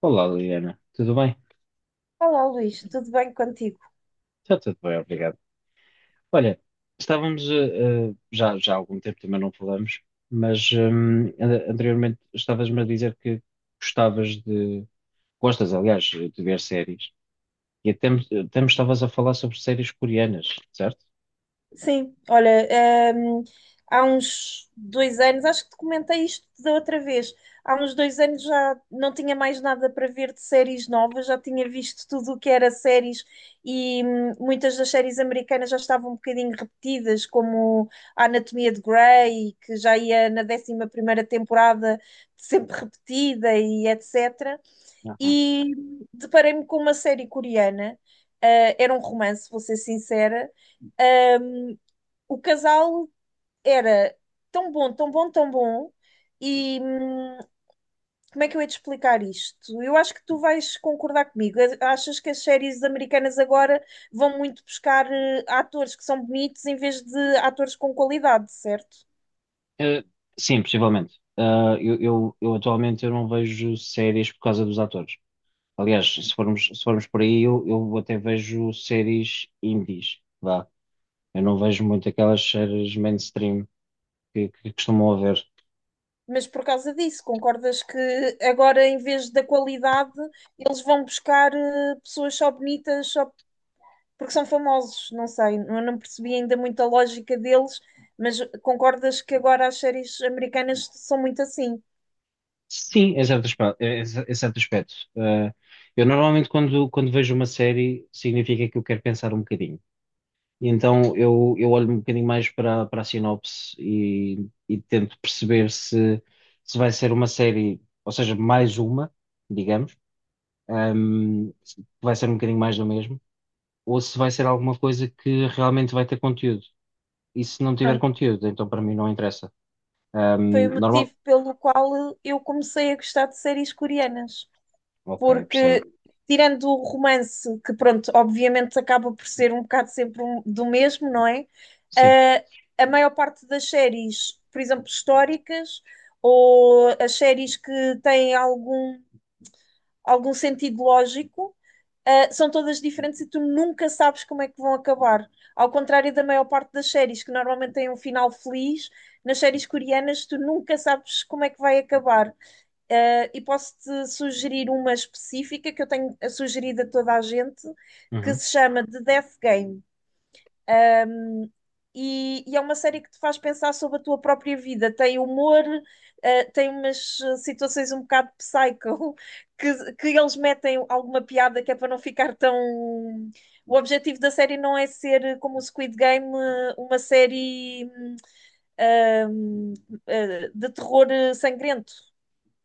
Olá, Liliana. Tudo bem? Olá, Luís, tudo bem contigo? Está tudo bem, obrigado. Olha, já há algum tempo também não falamos, mas anteriormente estavas-me a dizer que gostavas de, gostas, aliás, de ver séries, e até, até me estavas a falar sobre séries coreanas, certo? Sim, olha, há uns 2 anos, acho que te comentei isto da outra vez, há uns 2 anos já não tinha mais nada para ver de séries novas, já tinha visto tudo o que era séries e muitas das séries americanas já estavam um bocadinho repetidas, como a Anatomia de Grey, que já ia na 11.ª temporada, sempre repetida e etc. Aham. E deparei-me com uma série coreana, ah, era um romance, vou ser sincera. Ahm, o casal era tão bom, tão bom, tão bom, e como é que eu ia te explicar isto? Eu acho que tu vais concordar comigo. Achas que as séries americanas agora vão muito buscar atores que são bonitos em vez de atores com qualidade, certo? Eh, sim, possivelmente. Ah, eu atualmente eu não vejo séries por causa dos atores. Aliás, se formos por aí, eu até vejo séries indies, vá. Eu não vejo muito aquelas séries mainstream que costumam haver. Mas por causa disso, concordas que agora, em vez da qualidade, eles vão buscar pessoas só bonitas só porque são famosos? Não sei, eu não percebi ainda muito a lógica deles, mas concordas que agora as séries americanas são muito assim? Sim, em certo aspecto. Em certo aspecto. Eu normalmente quando vejo uma série significa que eu quero pensar um bocadinho. E então eu olho um bocadinho mais para a sinopse e tento perceber se vai ser uma série, ou seja, mais uma, digamos, se vai ser um bocadinho mais do mesmo, ou se vai ser alguma coisa que realmente vai ter conteúdo. E se não tiver Pronto, conteúdo, então para mim não interessa. foi o Normal. motivo pelo qual eu comecei a gostar de séries coreanas, Ok, porque percebo. tirando o romance, que pronto, obviamente acaba por ser um bocado sempre do mesmo, não é? Sim. Ah, a maior parte das séries, por exemplo, históricas, ou as séries que têm algum sentido lógico, são todas diferentes e tu nunca sabes como é que vão acabar. Ao contrário da maior parte das séries, que normalmente têm um final feliz, nas séries coreanas tu nunca sabes como é que vai acabar. E posso-te sugerir uma específica que eu tenho sugerido a toda a gente, que Uhum. se chama The Death Game. E é uma série que te faz pensar sobre a tua própria vida. Tem humor, tem umas situações um bocado psycho, que eles metem alguma piada que é para não ficar tão. O objetivo da série não é ser, como o Squid Game, uma série ah, hum, de terror sangrento.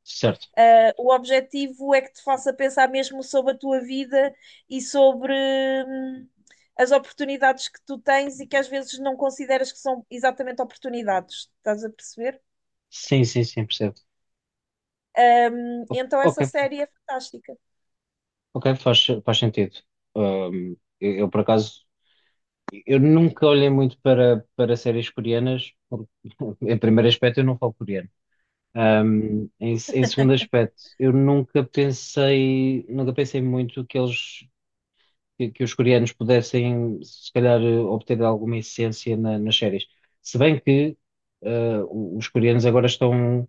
Certo. O objetivo é que te faça pensar mesmo sobre a tua vida e sobre as oportunidades que tu tens e que às vezes não consideras que são exatamente oportunidades. Estás a perceber? Sim, sim, sim, percebo. Um, então Ok, essa série é fantástica. ok, faz sentido. Por acaso, eu nunca olhei muito para séries coreanas, porque em primeiro aspecto, eu não falo coreano. Em segundo aspecto, eu nunca pensei muito que os coreanos pudessem, se calhar, obter alguma essência nas séries. Se bem que os coreanos agora estão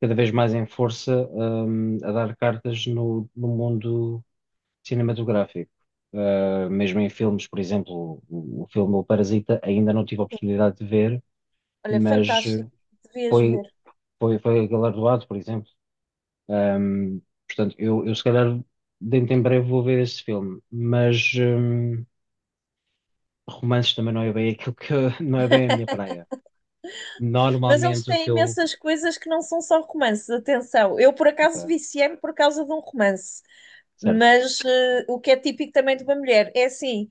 cada vez mais em força, a dar cartas no mundo cinematográfico. Mesmo em filmes, por exemplo, o filme O Parasita ainda não tive a oportunidade de ver, Olha, mas fantástico, devias foi, ver. foi galardoado, por exemplo. Hum, Portanto, eu se calhar dentro em breve vou ver esse filme, mas romances também não é bem aquilo que não é bem a minha praia. Mas eles Normalmente o têm que eu. imensas coisas que não são só romances, atenção. Eu, por acaso, Ok, viciei-me por causa de um romance, certo. mas o que é típico também de uma mulher é assim: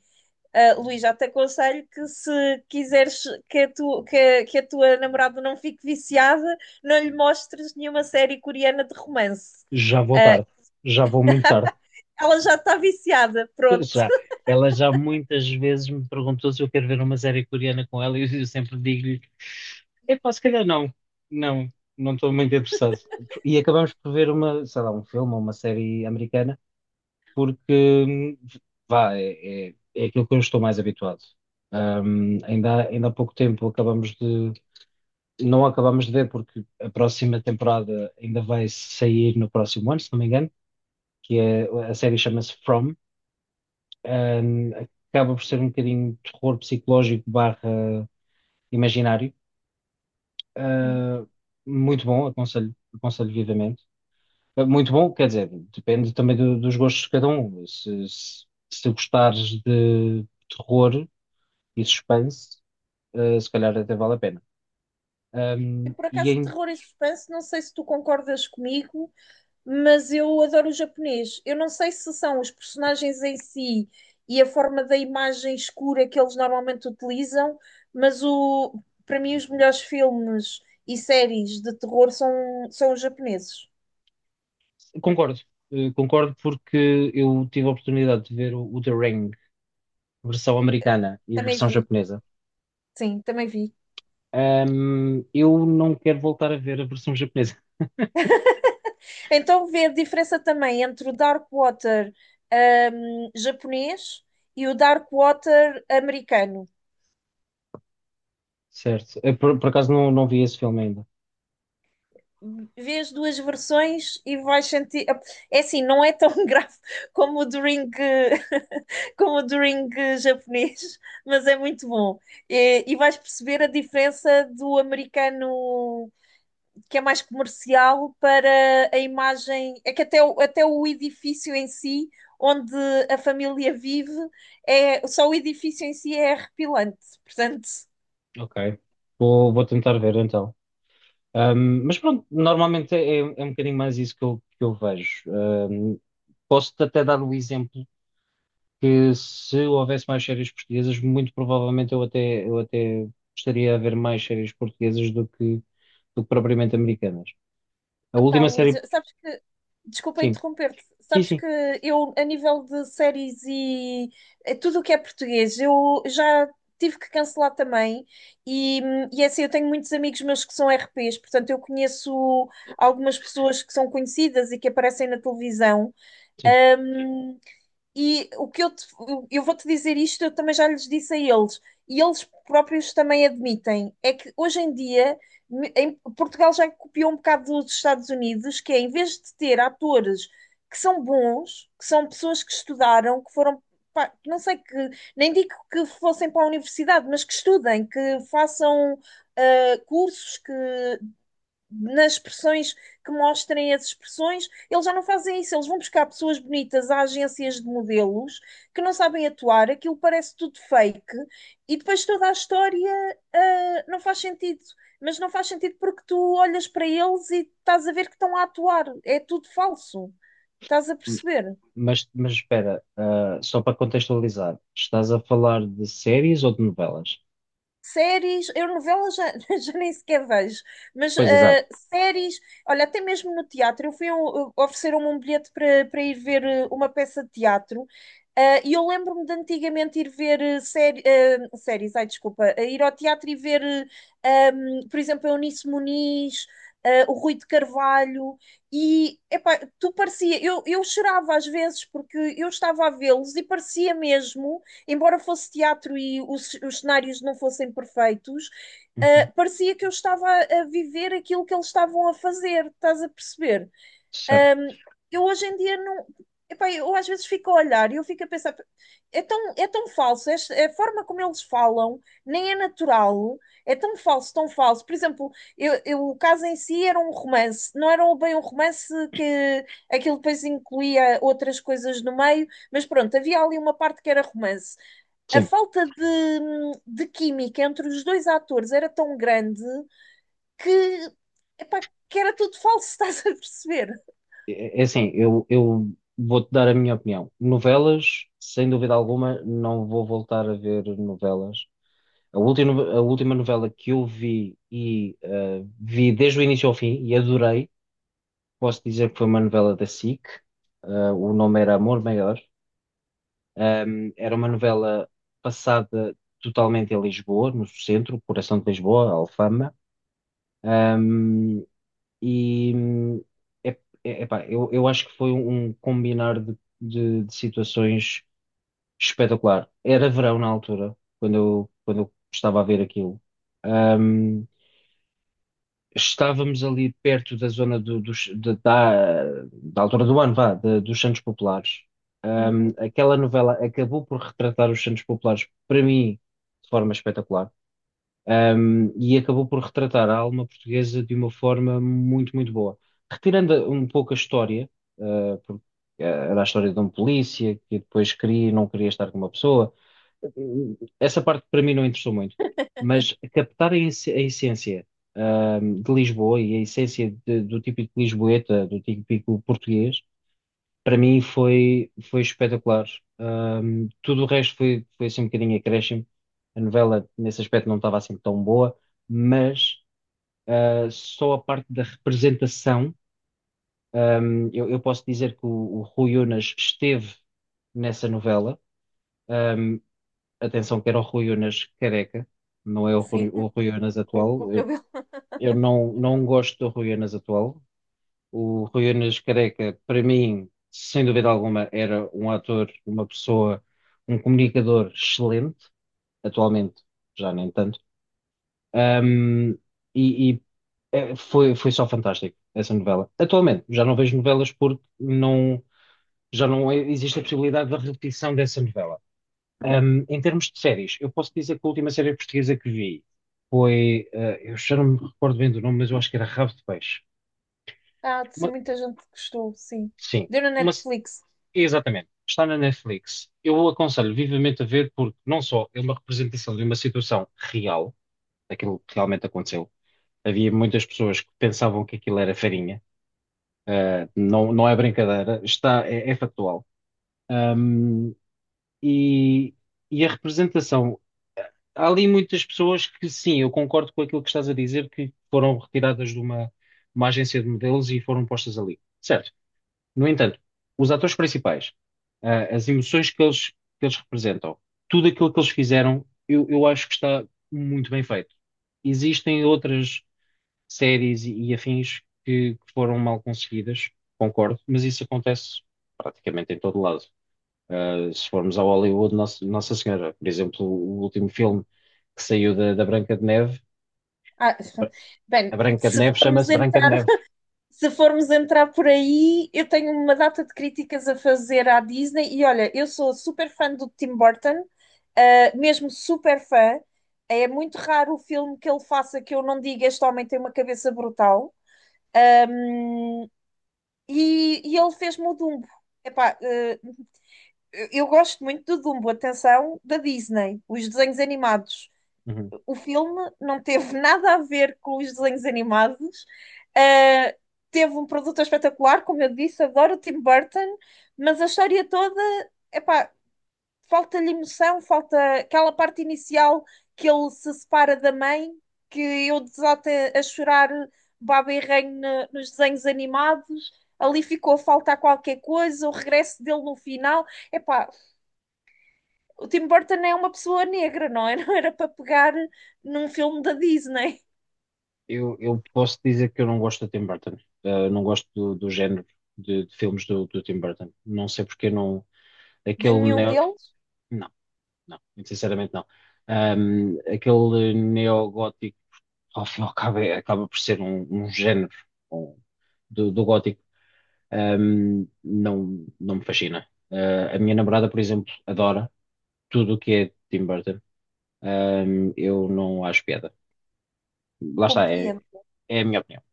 Luís, já te aconselho que se quiseres que a, tu, que a tua namorada não fique viciada, não lhe mostres nenhuma série coreana de romance. Já vou tarde. Uh, Já vou muito tarde. ela já está viciada, pronto. Já. Ela já muitas vezes me perguntou se eu quero ver uma série coreana com ela e eu eu sempre digo-lhe: epá, se calhar não. Não, não estou muito interessado. E acabamos por ver uma, sei lá, um filme ou uma série americana porque, vá, é aquilo que eu estou mais habituado. Ainda, ainda há pouco tempo acabamos de não acabamos de ver porque a próxima temporada ainda vai sair no próximo ano, se não me engano, que é, a série chama-se From. Ahm, Acaba por ser um bocadinho de terror psicológico barra imaginário. Uhum. Ah, muito bom, aconselho vivamente. Ah, muito bom, quer dizer, depende também dos gostos de cada um. Se gostares de terror e suspense, ah, se calhar até vale a pena. E por E acaso, em. terror e suspense, não sei se tu concordas comigo, mas eu adoro o japonês. Eu não sei se são os personagens em si e a forma da imagem escura que eles normalmente utilizam, mas para mim os melhores filmes e séries de terror são, os japoneses. Concordo, concordo porque eu tive a oportunidade de ver o The Ring, versão americana e a Também versão vi, japonesa. sim, também vi. Eu não quero voltar a ver a versão japonesa, Então vê a diferença também entre o Dark Water japonês e o Dark Water americano. certo? Por acaso não, não vi esse filme ainda. Vê as duas versões e vais sentir. É assim, não é tão grave como o do Ring como o drink japonês, mas é muito bom. E vais perceber a diferença do americano que é mais comercial para a imagem. É que até, até o edifício em si, onde a família vive, é, só o edifício em si é arrepilante. Portanto, Ok, vou tentar ver então. Mas pronto, normalmente é um bocadinho mais isso que eu, vejo. Posso-te até dar o exemplo que se houvesse mais séries portuguesas, muito provavelmente eu até, gostaria de ver mais séries portuguesas do que propriamente americanas. A epá, última série, Luísa, sabes que, desculpa sim, interromper-te, sim, sabes sim, que eu, a nível de séries e tudo o que é português, eu já tive que cancelar também. E é assim, eu tenho muitos amigos meus que são RPs, portanto, eu conheço algumas pessoas que são conhecidas e que aparecem na televisão. sim. Hum, e o que eu vou te dizer isto, eu também já lhes disse a eles, e eles próprios também admitem, é que hoje em dia Portugal já copiou um bocado dos Estados Unidos, que é em vez de ter atores que são bons, que são pessoas que estudaram, que foram, pá, que não sei que, nem digo que fossem para a universidade, mas que estudem, que façam cursos, que nas expressões que mostrem as expressões, eles já não fazem isso, eles vão buscar pessoas bonitas a agências de modelos que não sabem atuar, aquilo parece tudo fake e depois toda a história não faz sentido. Mas não faz sentido porque tu olhas para eles e estás a ver que estão a atuar, é tudo falso. Estás a M- perceber? Mas, espera, ah, só para contextualizar, estás a falar de séries ou de novelas? Séries, eu novelas já, já nem sequer vejo, mas Pois, exato. Séries, olha, até mesmo no teatro, eu fui a ofereceram-me um bilhete para ir ver uma peça de teatro, e eu lembro-me de antigamente ir ver séries, ai desculpa, ir ao teatro e ver, por exemplo, a Eunice Muniz, o Rui de Carvalho, e epá, tu parecia, eu chorava às vezes porque eu estava a vê-los e parecia mesmo embora fosse teatro e os, cenários não fossem perfeitos, Uhum. Parecia que eu estava a viver aquilo que eles estavam a fazer, estás a perceber? Certo. Ahm, eu hoje em dia não. Epá, eu às vezes fico a olhar e eu fico a pensar, é tão falso, a forma como eles falam nem é natural, é tão falso, tão falso. Por exemplo, o caso em si era um romance, não era bem um romance que aquilo depois incluía outras coisas no meio, mas pronto, havia ali uma parte que era romance, a Sim, falta de química entre os dois atores era tão grande que, epá, que era tudo falso, estás a perceber? é assim, eu vou-te dar a minha opinião. Novelas, sem dúvida alguma, não vou voltar a ver novelas. A última novela que eu vi e vi desde o início ao fim e adorei, posso dizer que foi uma novela da SIC, o nome era Amor Maior. Era uma novela passada totalmente em Lisboa, no centro, coração de Lisboa, Alfama. Ahm, e é, epá, eu acho que foi um combinar de situações espetacular. Era verão na altura, quando eu estava a ver aquilo. Ehm, Estávamos ali perto da zona da altura do ano, vá, dos Santos Populares. Uhum. Aquela novela acabou por retratar os Santos Populares, para mim, de forma espetacular. E acabou por retratar a alma portuguesa de uma forma muito, muito boa. Retirando um pouco a história, ah, porque ah, era a história de um polícia que depois queria e não queria estar com uma pessoa, essa parte para mim não interessou muito, mas captar a essência, de Lisboa e a essência do típico lisboeta, do típico português, para mim foi espetacular. Tudo o resto foi assim um bocadinho acréscimo. A novela, nesse aspecto, não estava assim tão boa, mas ah, só a parte da representação, eu posso dizer que o Rui Unas esteve nessa novela. hum, Atenção que era o Rui Unas careca, não é o Sim, Rui, o Rui Unas com o atual. Cabelo. Eu não, não gosto do Rui Unas atual. O Rui Unas careca, para mim, sem dúvida alguma, era um ator, uma pessoa, um comunicador excelente. Atualmente, já nem tanto. Ahm, e e, foi só fantástico essa novela. Atualmente, já não vejo novelas porque não, já não existe a possibilidade da repetição dessa novela. Em termos de séries, eu posso dizer que a última série portuguesa que vi eu já não me recordo bem do nome, mas eu acho que era Rabo de Peixe. Ah, sim, Uma- muita gente gostou, sim. sim, Deu na uma, Netflix. exatamente. Está na Netflix. Eu o aconselho vivamente a ver porque não só é uma representação de uma situação real, daquilo que realmente aconteceu. Havia muitas pessoas que pensavam que aquilo era farinha. Não, não é brincadeira, é factual. Um, e, a representação há ali muitas pessoas que, sim, eu concordo com aquilo que estás a dizer, que foram retiradas de uma, agência de modelos e foram postas ali. Certo. No entanto, os atores principais, ah, as emoções que eles, representam, tudo aquilo que eles fizeram, eu acho que está muito bem feito. Existem outras séries afins que foram mal conseguidas, concordo, mas isso acontece praticamente em todo lado. Se formos ao Hollywood, Nossa, Nossa Senhora, por exemplo, o último filme que saiu da Branca de Neve, Ah, a Bra- a bem, Branca de se Neve formos chama-se Branca de entrar, Neve. se formos entrar por aí, eu tenho uma data de críticas a fazer à Disney e olha, eu sou super fã do Tim Burton, ah, mesmo super fã. É muito raro o filme que ele faça que eu não diga este homem tem uma cabeça brutal. Um, e ele fez-me o Dumbo. Epá, eu gosto muito do Dumbo, atenção, da Disney, os desenhos animados. Uhum. O filme não teve nada a ver com os desenhos animados. Eh, teve um produto espetacular, como eu disse, adoro o Tim Burton, mas a história toda, epá, falta-lhe emoção, falta aquela parte inicial que ele se separa da mãe, que eu desato a chorar baba e ranho nos desenhos animados. Ali ficou a faltar qualquer coisa, o regresso dele no final. Epá, o Tim Burton é uma pessoa negra, não é? Não era para pegar num filme da Disney. Eu posso dizer que eu não gosto do Tim Burton. Não gosto do género de filmes do Tim Burton. Não sei porque não. De Aquele nenhum neo. deles, Não, não, muito sinceramente não. Aquele neogótico, ao fim e ao cabo, acaba por ser um, género um, do gótico. Não, não me fascina. A minha namorada, por exemplo, adora tudo o que é Tim Burton. Eu não acho piada. Lá está, é, compreendo. é a minha opinião.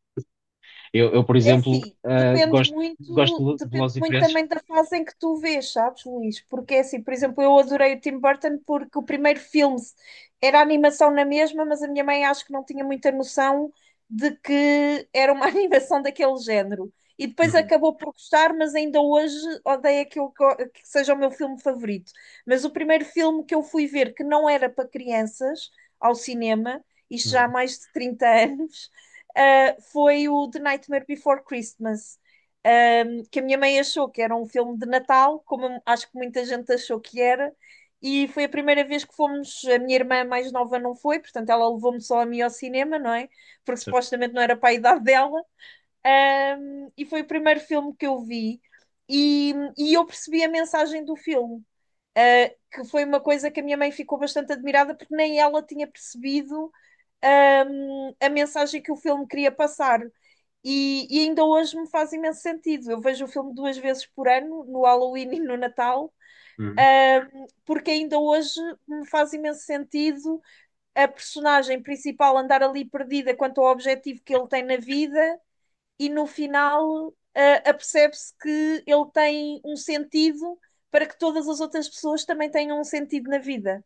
Por É exemplo, assim, ah, gosto, gosto de depende Velozes e muito Furiosos. também da fase em que tu vês, sabes, Luís? Porque é assim, por exemplo, eu adorei o Tim Burton porque o primeiro filme era animação na mesma, mas a minha mãe acho que não tinha muita noção de que era uma animação daquele género. E depois Uhum, acabou por gostar, mas ainda hoje odeio aquilo que, que seja o meu filme favorito. Mas o primeiro filme que eu fui ver que não era para crianças ao cinema, isto já há uhum, mais de 30 anos, foi o The Nightmare Before Christmas, que a minha mãe achou que era um filme de Natal, como acho que muita gente achou que era, e foi a primeira vez que fomos. A minha irmã mais nova não foi, portanto, ela levou-me só a mim ao cinema, não é? Porque certo. supostamente não era para a idade dela. E foi o primeiro filme que eu vi, e eu percebi a mensagem do filme. Que foi uma coisa que a minha mãe ficou bastante admirada porque nem ela tinha percebido a mensagem que o filme queria passar. E ainda hoje me faz imenso sentido. Eu vejo o filme duas vezes por ano, no Halloween e no Natal, Uhum, porque ainda hoje me faz imenso sentido a personagem principal andar ali perdida quanto ao objetivo que ele tem na vida e no final, apercebe-se que ele tem um sentido para que todas as outras pessoas também tenham um sentido na vida.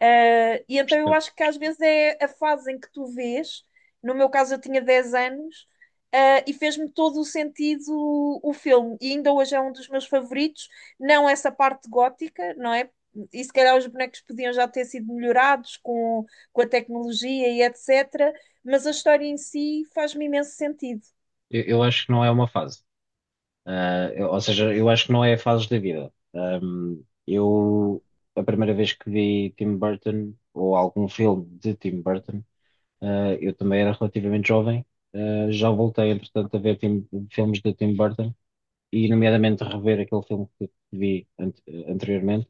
Ah, e então eu percebo. acho que às vezes é a fase em que tu vês, no meu caso eu tinha 10 anos, e fez-me todo o sentido o filme, e ainda hoje é um dos meus favoritos, não essa parte gótica, não é? E se calhar os bonecos podiam já ter sido melhorados com, a tecnologia e etc., mas a história em si faz-me imenso sentido. Eu acho que não é uma fase. Ah, ou seja, eu acho que não é a fase da vida. Eu, a primeira vez que vi Tim Burton, ou algum filme de Tim Burton, ah, eu também era relativamente jovem. Ah, já voltei, entretanto, a ver filmes de Tim Burton, e nomeadamente rever aquele filme que vi anteriormente.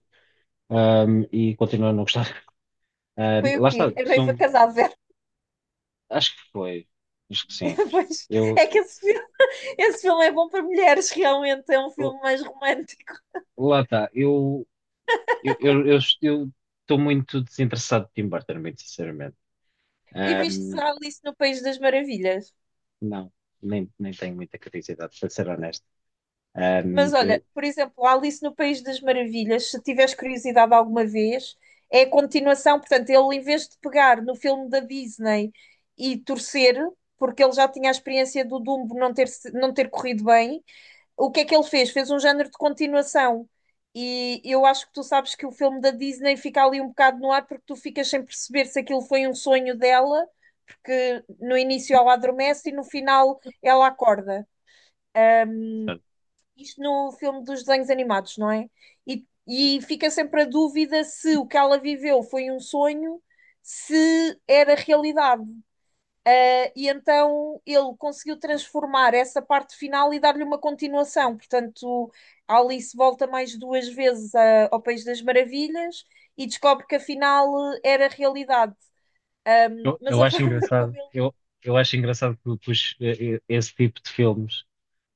E continuo a não gostar. Foi o Lá quê? está, A noiva são. casada, Vera. Acho que foi. Acho que sim. Pois, Eu, é que esse filme é bom para mulheres, realmente. É um eu- filme mais romântico. lá está. Eu estou muito desinteressado de Tim Burton, muito sinceramente. E viste Ahm, a Alice no País das Maravilhas. não, nem, nem tenho muita curiosidade, para ser honesto. Ahm, Mas olha, eu, por exemplo, a Alice no País das Maravilhas, se tiveres curiosidade alguma vez, é a continuação. Portanto, ele, em vez de pegar no filme da Disney e torcer, porque ele já tinha a experiência do Dumbo não ter, não ter corrido bem, o que é que ele fez? Fez um género de continuação. E eu acho que tu sabes que o filme da Disney fica ali um bocado no ar porque tu ficas sem perceber se aquilo foi um sonho dela, porque no início ela adormece e no final ela acorda. Isto no filme dos desenhos animados, não é? E fica sempre a dúvida se o que ela viveu foi um sonho, se era realidade. E então ele conseguiu transformar essa parte final e dar-lhe uma continuação. Portanto, a Alice volta mais duas vezes ao País das Maravilhas e descobre que afinal era realidade. Ahm, mas eu a acho forma como engraçado. ele. Eu acho engraçado que os- esse tipo de filmes.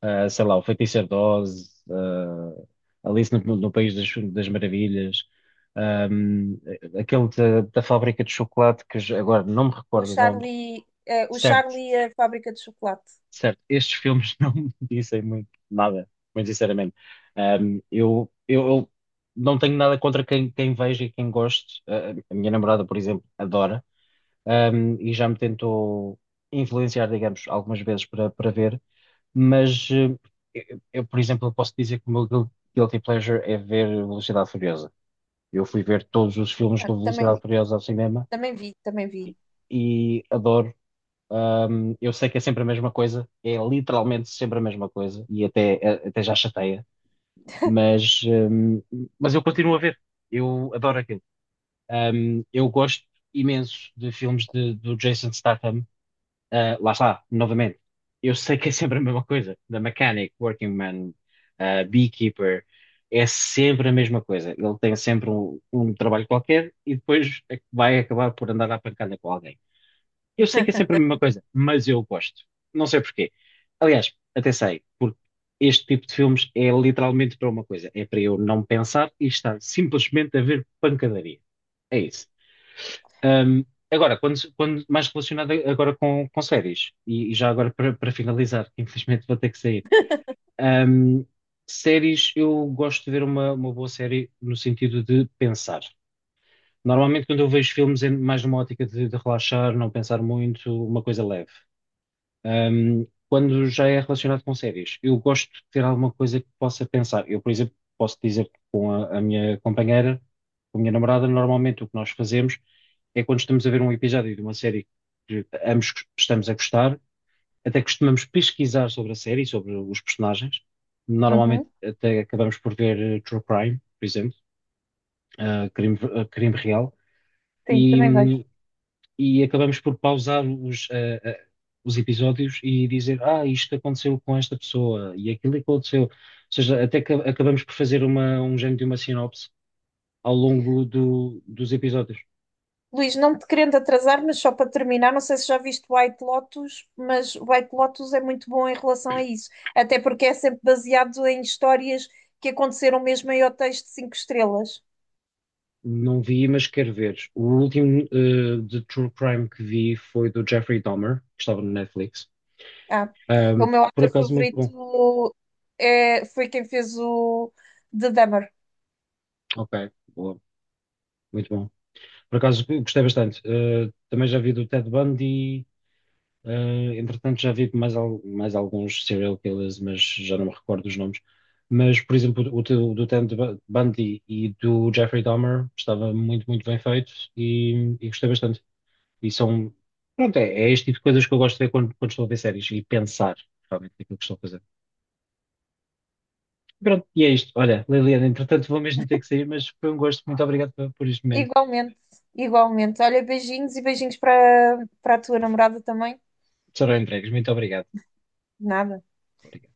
Ah, sei lá, o Feiticeiro de Oz, ah, Alice no, País das Maravilhas, ahm, aquele da Fábrica de Chocolate, que já- agora não me O recordo o nome, Charlie, eh, o certo, Charlie e a Fábrica de Chocolate. certo, estes filmes não me dizem muito nada, muito sinceramente. Eu não tenho nada contra quem, veja e quem goste. Ah, a minha namorada, por exemplo, adora, e já me tentou influenciar, digamos, algumas vezes para ver. Mas por exemplo, eu posso dizer que o meu guilty pleasure é ver Velocidade Furiosa. Eu fui ver todos os filmes Ah, do Velocidade também, Furiosa ao cinema também vi, também vi. e adoro. Eu sei que é sempre a mesma coisa, é literalmente sempre a mesma coisa e até, até já chateia, mas mas eu continuo a ver. Eu adoro aquilo. Eu gosto imenso de filmes do Jason Statham. Ah, lá está, novamente. Eu sei que é sempre a mesma coisa, da mechanic, working man, ah, beekeeper, é sempre a mesma coisa. Ele tem sempre um, trabalho qualquer e depois é que vai acabar por andar à pancada com alguém. Eu sei que é sempre a mesma coisa, mas eu gosto. Não sei porquê. Aliás, até sei, porque este tipo de filmes é literalmente para uma coisa: é para eu não pensar e estar simplesmente a ver pancadaria. É isso. Ahm, agora, quando mais relacionado agora com séries, e já agora para finalizar, que infelizmente vou ter que sair. Ahm, séries, eu gosto de ver uma, boa série no sentido de pensar. Normalmente, quando eu vejo filmes, é mais numa ótica de relaxar, não pensar muito, uma coisa leve. Quando já é relacionado com séries, eu gosto de ter alguma coisa que possa pensar. Eu, por exemplo, posso dizer que com a minha companheira, com a minha namorada, normalmente o que nós fazemos é quando estamos a ver um episódio de uma série que ambos estamos a gostar, até costumamos pesquisar sobre a série, sobre os personagens. Normalmente Uhum. até acabamos por ver True Crime, por exemplo, crime, crime real. Sim, E, também vejo. hum, e acabamos por pausar os, os episódios e dizer, ah, isto aconteceu com esta pessoa e aquilo aconteceu. Ou seja, até que acabamos por fazer uma, um género de uma sinopse ao longo dos episódios. Luís, não te querendo atrasar, mas só para terminar, não sei se já viste White Lotus, mas White Lotus é muito bom em relação a isso, até porque é sempre baseado em histórias que aconteceram mesmo em hotéis de 5 estrelas. Não vi, mas quero ver. O último de True Crime que vi foi do Jeffrey Dahmer, que estava no Netflix. Ah, é o Ahm, meu por ator acaso, muito bom. favorito foi quem fez o The Dummer. Ok, boa, muito bom. Por acaso, gostei bastante. Também já vi do Ted Bundy. Entretanto, já vi mais, mais alguns serial killers, mas já não me recordo os nomes. Mas, por exemplo, o do Ted Bundy e do Jeffrey Dahmer estava muito, muito bem feito e gostei bastante. E são, pronto, é este tipo de coisas que eu gosto de ver quando, estou a ver séries e pensar realmente naquilo que estou a fazer. Pronto, e é isto. Olha, Liliana, entretanto, vou mesmo ter que sair, mas foi um gosto. Muito obrigado por, este momento. Igualmente, igualmente. Olha, beijinhos e beijinhos para a tua namorada também. Serão entregues. Muito obrigado. Nada. Obrigado.